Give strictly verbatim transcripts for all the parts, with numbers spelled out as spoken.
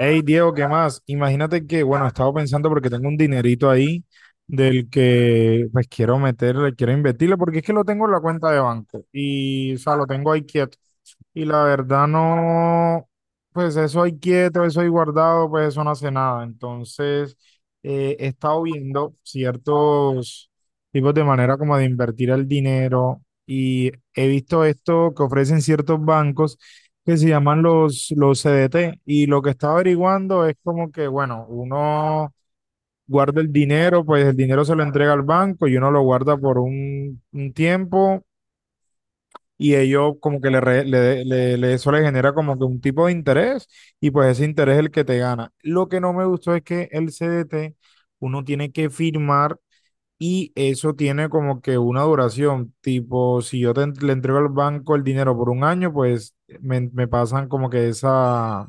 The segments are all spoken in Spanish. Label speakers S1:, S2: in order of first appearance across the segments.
S1: Hey Diego, ¿qué más? Imagínate que, bueno, estaba pensando porque tengo un dinerito ahí del que pues quiero meterle, quiero invertirle, porque es que lo tengo en la cuenta de banco y, o sea, lo tengo ahí quieto. Y la verdad no, pues eso ahí quieto, eso ahí guardado, pues eso no hace nada. Entonces, eh, he estado viendo ciertos tipos de manera como de invertir el dinero y he visto esto que ofrecen ciertos bancos que se llaman los, los C D T. Y lo que está averiguando es como que, bueno, uno guarda el dinero, pues el dinero se lo entrega al banco y uno lo guarda por un, un tiempo y ellos como que le, re- le, le- le- eso le genera como que un tipo de interés y pues ese interés es el que te gana. Lo que no me gustó es que el C D T uno tiene que firmar. Y eso tiene como que una duración, tipo, si yo te en- le entrego al banco el dinero por un año, pues me, me pasan como que esa,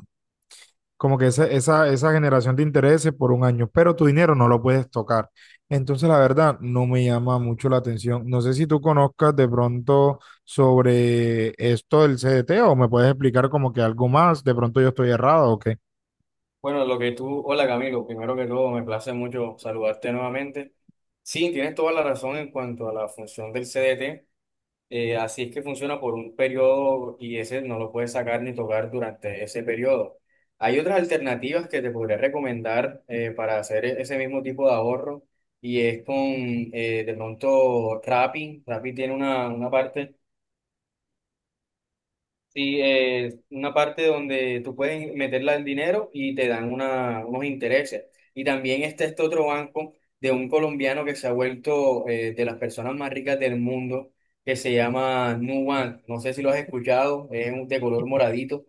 S1: como que esa, esa, esa generación de intereses por un año, pero tu dinero no lo puedes tocar. Entonces, la verdad, no me llama mucho la atención. No sé si tú conozcas de pronto sobre esto del C D T o me puedes explicar como que algo más, de pronto yo estoy errado o qué.
S2: Bueno, lo que tú, hola Camilo, primero que todo me place mucho saludarte nuevamente. Sí, tienes toda la razón en cuanto a la función del C D T, eh, así es que funciona por un periodo y ese no lo puedes sacar ni tocar durante ese periodo. Hay otras alternativas que te podría recomendar eh, para hacer e- ese mismo tipo de ahorro y es con eh, de pronto Rappi. Rappi tiene una, una parte. Sí, es una parte donde tú puedes meterla el dinero y te dan una- unos intereses. Y también está este otro banco de un colombiano que se ha vuelto eh, de las personas más ricas del mundo, que se llama Nubank. No sé si lo has escuchado, es un- de color moradito.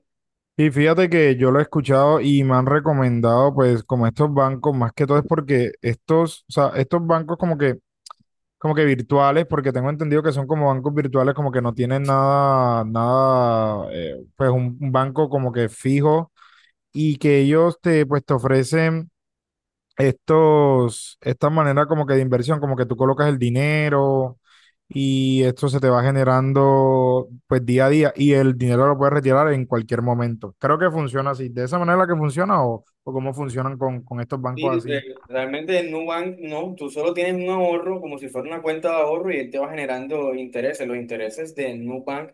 S1: Y fíjate que yo lo he escuchado y me han recomendado, pues, como estos bancos, más que todo es porque estos, o sea, estos bancos como que como que virtuales, porque tengo entendido que son como bancos virtuales, como que no tienen nada, nada, eh, pues un, un banco como que fijo y que ellos te, pues te ofrecen estos, esta manera como que de inversión, como que tú colocas el dinero y esto se te va generando pues día a día y el dinero lo puedes retirar en cualquier momento. Creo que funciona así, de esa manera que funciona o, o cómo funcionan con, con estos bancos
S2: Sí, re-
S1: así.
S2: Realmente en Nubank no, tú solo tienes un ahorro como si fuera una cuenta de ahorro y él te va generando intereses. Los intereses de Nubank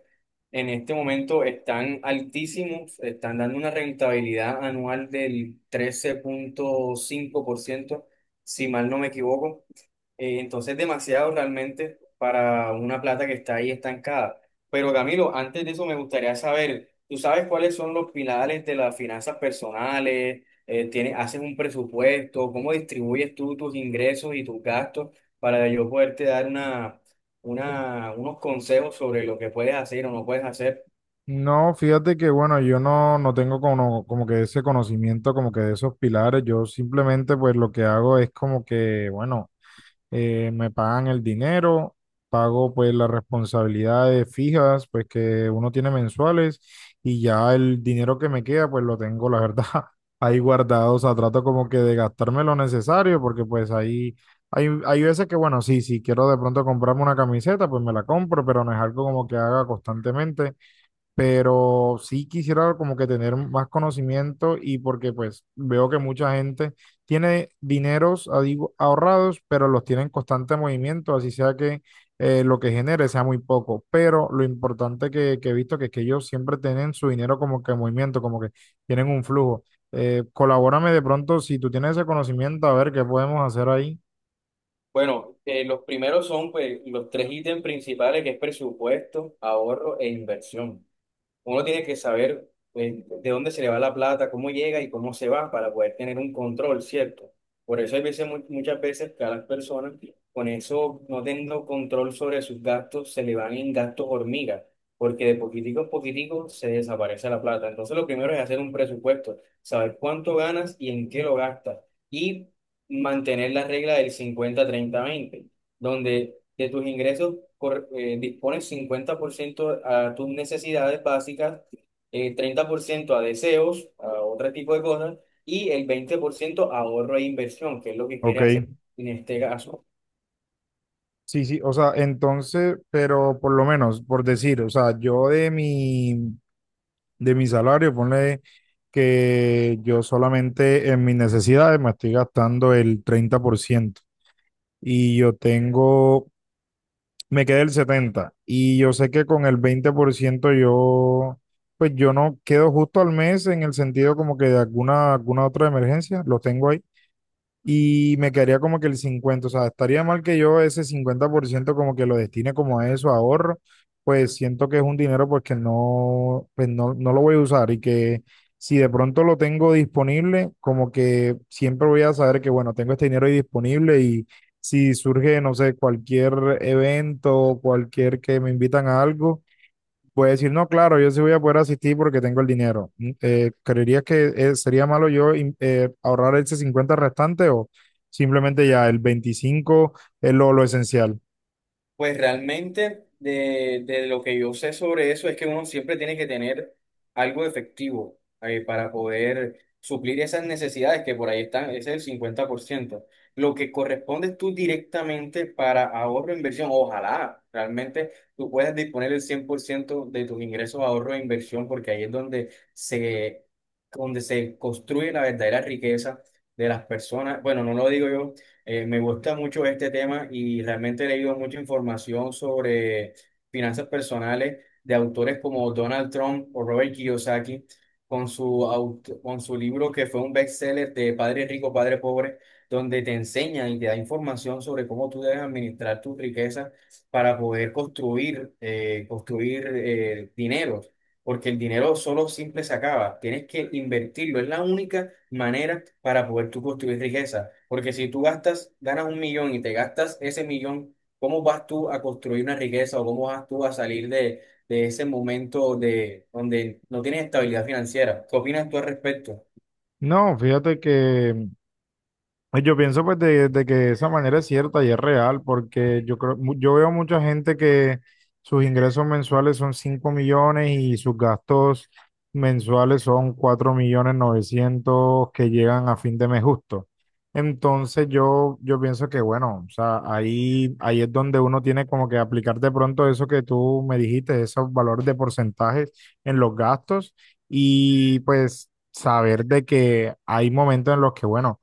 S2: en este momento están altísimos, están dando una rentabilidad anual del trece punto cinco por ciento, si mal no me equivoco. Eh, entonces, demasiado realmente para una plata que está ahí estancada. Pero Camilo, antes de eso me gustaría saber, ¿tú sabes cuáles son los pilares de las finanzas personales? Eh, ¿tienes- Haces un presupuesto? ¿Cómo distribuyes tú tus ingresos y tus gastos para yo poderte dar una, una, unos consejos sobre lo que puedes hacer o no puedes hacer?
S1: No, fíjate que bueno, yo no, no tengo como, como que ese conocimiento, como que de esos pilares, yo simplemente pues lo que hago es como que, bueno, eh, me pagan el dinero, pago pues las responsabilidades fijas, pues que uno tiene mensuales y ya el dinero que me queda pues lo tengo, la verdad, ahí guardado, o sea, trato como que de gastarme lo necesario porque pues ahí... Hay, hay veces que, bueno, sí, si quiero de pronto comprarme una camiseta, pues me la compro, pero no es algo como que haga constantemente, pero sí quisiera como que tener más conocimiento y porque pues veo que mucha gente tiene dineros ah, digo, ahorrados, pero los tiene en constante movimiento, así sea que eh, lo que genere sea muy poco, pero lo importante que, que he visto que es que ellos siempre tienen su dinero como que en movimiento, como que tienen un flujo. Eh, colabórame de pronto si tú tienes ese conocimiento, a ver qué podemos hacer ahí.
S2: Bueno, eh, los primeros son pues, los tres ítems principales que es presupuesto, ahorro e inversión. Uno tiene que saber eh, de dónde se le va la plata, cómo llega y cómo se va para poder tener un control, ¿cierto? Por eso hay veces, mu- muchas veces que a las personas con eso no teniendo control sobre sus gastos se le van en gastos hormigas, porque de poquitico a poquitico se desaparece la plata. Entonces lo primero es hacer un presupuesto, saber cuánto ganas y en qué lo gastas y mantener la regla del cincuenta treinta veinte donde de tus ingresos cor- eh, dispones cincuenta por ciento a tus necesidades básicas, eh, treinta por ciento a deseos, a otro tipo de cosas, y el veinte por ciento ahorro e inversión, que es lo que
S1: Ok,
S2: quieres hacer en este caso.
S1: sí, sí, o sea, entonces, pero por lo menos, por decir, o sea, yo de mi, de mi salario, ponle que yo solamente en mis necesidades me estoy gastando el treinta por ciento y yo tengo, me queda el setenta por ciento y yo sé que con el veinte por ciento yo, pues yo no quedo justo al mes en el sentido como que de alguna, alguna otra emergencia, lo tengo ahí y me quedaría como que el cincuenta, o sea, estaría mal que yo ese cincuenta por ciento como que lo destine como a eso, a ahorro, pues siento que es un dinero pues que no, pues no, no lo voy a usar y que si de pronto lo tengo disponible, como que siempre voy a saber que bueno, tengo este dinero ahí disponible y si surge, no sé, cualquier evento, cualquier que me invitan a algo. Puede decir, no, claro, yo sí voy a poder asistir porque tengo el dinero. Mm. Eh, ¿creerías que eh, sería malo yo in- eh, ahorrar ese cincuenta restante o simplemente ya el veinticinco es lo, lo esencial?
S2: Pues realmente de, de lo que yo sé sobre eso es que uno siempre tiene que tener algo efectivo eh, para poder suplir esas necesidades que por ahí están, ese es el cincuenta por ciento. Lo que corresponde tú directamente para ahorro e inversión, ojalá realmente tú puedas disponer el cien por ciento de tus ingresos a ahorro e inversión porque ahí es donde se, donde se construye la verdadera riqueza de las personas. Bueno, no lo digo yo, eh, me gusta mucho este tema y realmente he leído mucha información sobre finanzas personales de autores como Donald Trump o Robert Kiyosaki con su, aut- con su libro que fue un bestseller de Padre Rico, Padre Pobre, donde te enseña y te da información sobre cómo tú debes administrar tu riqueza para poder construir, eh, construir eh, dinero. Porque el dinero solo simple se acaba, tienes que invertirlo. Es la única manera para poder tú construir riqueza. Porque si tú gastas, ganas un millón y te gastas ese millón, ¿cómo vas tú a construir una riqueza o cómo vas tú a salir de, de ese momento de donde no tienes estabilidad financiera? ¿Qué opinas tú al respecto?
S1: No, fíjate que, pues yo pienso pues de, de que esa manera es cierta y es real, porque yo creo, mu- yo veo mucha gente que sus ingresos mensuales son cinco millones y sus gastos mensuales son cuatro millones novecientos que llegan a fin de mes justo. Entonces yo, yo pienso que bueno, o sea, ahí, ahí es donde uno tiene como que aplicar de pronto eso que tú me dijiste, esos valores de porcentajes en los gastos y pues saber de que hay momentos en los que bueno,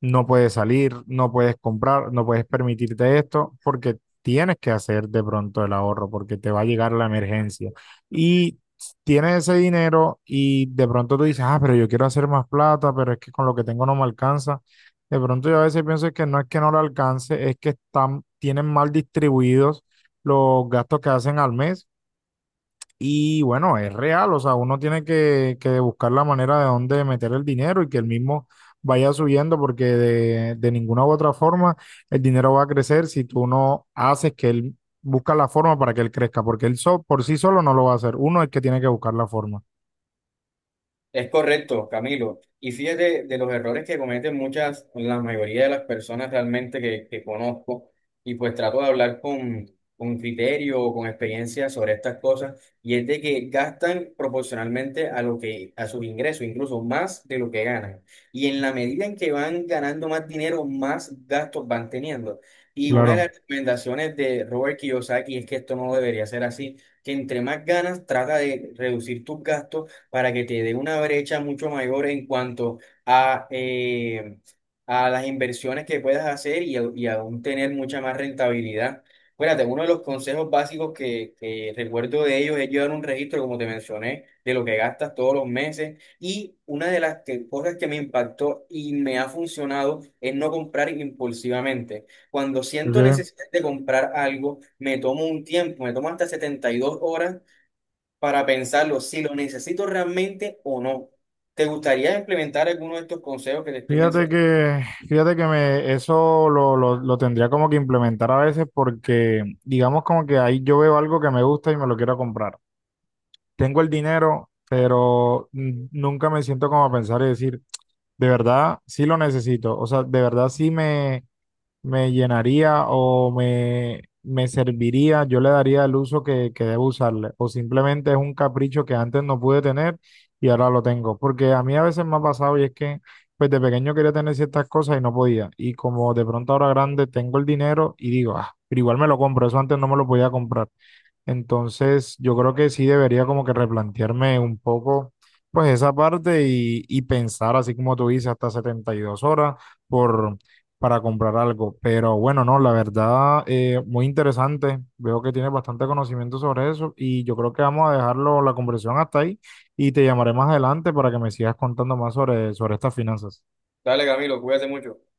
S1: no puedes salir, no puedes comprar, no puedes permitirte esto porque tienes que hacer de pronto el ahorro porque te va a llegar la emergencia. Y tienes ese dinero y de pronto tú dices, ah, pero yo quiero hacer más plata, pero es que con lo que tengo no me alcanza. De pronto yo a veces pienso que no es que no lo alcance, es que están, tienen mal distribuidos los gastos que hacen al mes y bueno, es real, o sea, uno tiene que, que buscar la manera de dónde meter el dinero y que el mismo vaya subiendo, porque de, de ninguna u otra forma el dinero va a crecer si tú no haces que él busca la forma para que él crezca, porque él so- por sí solo no lo va a hacer. Uno es que tiene que buscar la forma.
S2: Es correcto, Camilo. Y fíjate de los errores que cometen muchas, la mayoría de las personas realmente que, que conozco, y pues trato de hablar con, con criterio o con experiencia sobre estas cosas, y es de que gastan proporcionalmente a lo que, a sus ingresos, incluso más de lo que ganan. Y en la medida en que van ganando más dinero, más gastos van teniendo. Y una de
S1: Claro.
S2: las recomendaciones de Robert Kiyosaki es que esto no debería ser así, que entre más ganas, trata de reducir tus gastos para que te dé una brecha mucho mayor en cuanto a, eh, a las inversiones que puedas hacer y, a- y aún tener mucha más rentabilidad. Fíjate, uno de los consejos básicos que, que recuerdo de ellos es llevar un registro, como te mencioné, de lo que gastas todos los meses. Y una de las que- cosas que me impactó y me ha funcionado es no comprar impulsivamente. Cuando siento
S1: Ok.
S2: necesidad de comprar algo, me tomo un tiempo, me tomo hasta setenta y dos horas para pensarlo, si lo necesito realmente o no. ¿Te gustaría implementar alguno de estos consejos que te estoy
S1: Fíjate
S2: mencionando?
S1: que, fíjate que me, eso lo, lo, lo tendría como que implementar a veces porque digamos como que ahí yo veo algo que me gusta y me lo quiero comprar. Tengo el dinero, pero mm, nunca me siento como a pensar y decir, de verdad sí lo necesito, o sea, de verdad sí me, me llenaría o me, me serviría, yo le daría el uso que, que debo usarle, o simplemente es un capricho que antes no pude tener y ahora lo tengo, porque a mí a veces me ha pasado y es que pues de pequeño quería tener ciertas cosas y no podía, y como de pronto ahora grande tengo el dinero y digo, ah, pero igual me lo compro, eso antes no me lo podía comprar. Entonces, yo creo que sí debería como que replantearme un poco, pues esa parte y, y pensar, así como tú dices, hasta setenta y dos horas por, para comprar algo. Pero bueno, no, la verdad, eh, muy interesante. Veo que tienes bastante conocimiento sobre eso y yo creo que vamos a dejarlo la conversación hasta ahí y te llamaré más adelante para que me sigas contando más sobre, sobre estas finanzas.
S2: Dale, Camilo, cuídate mucho.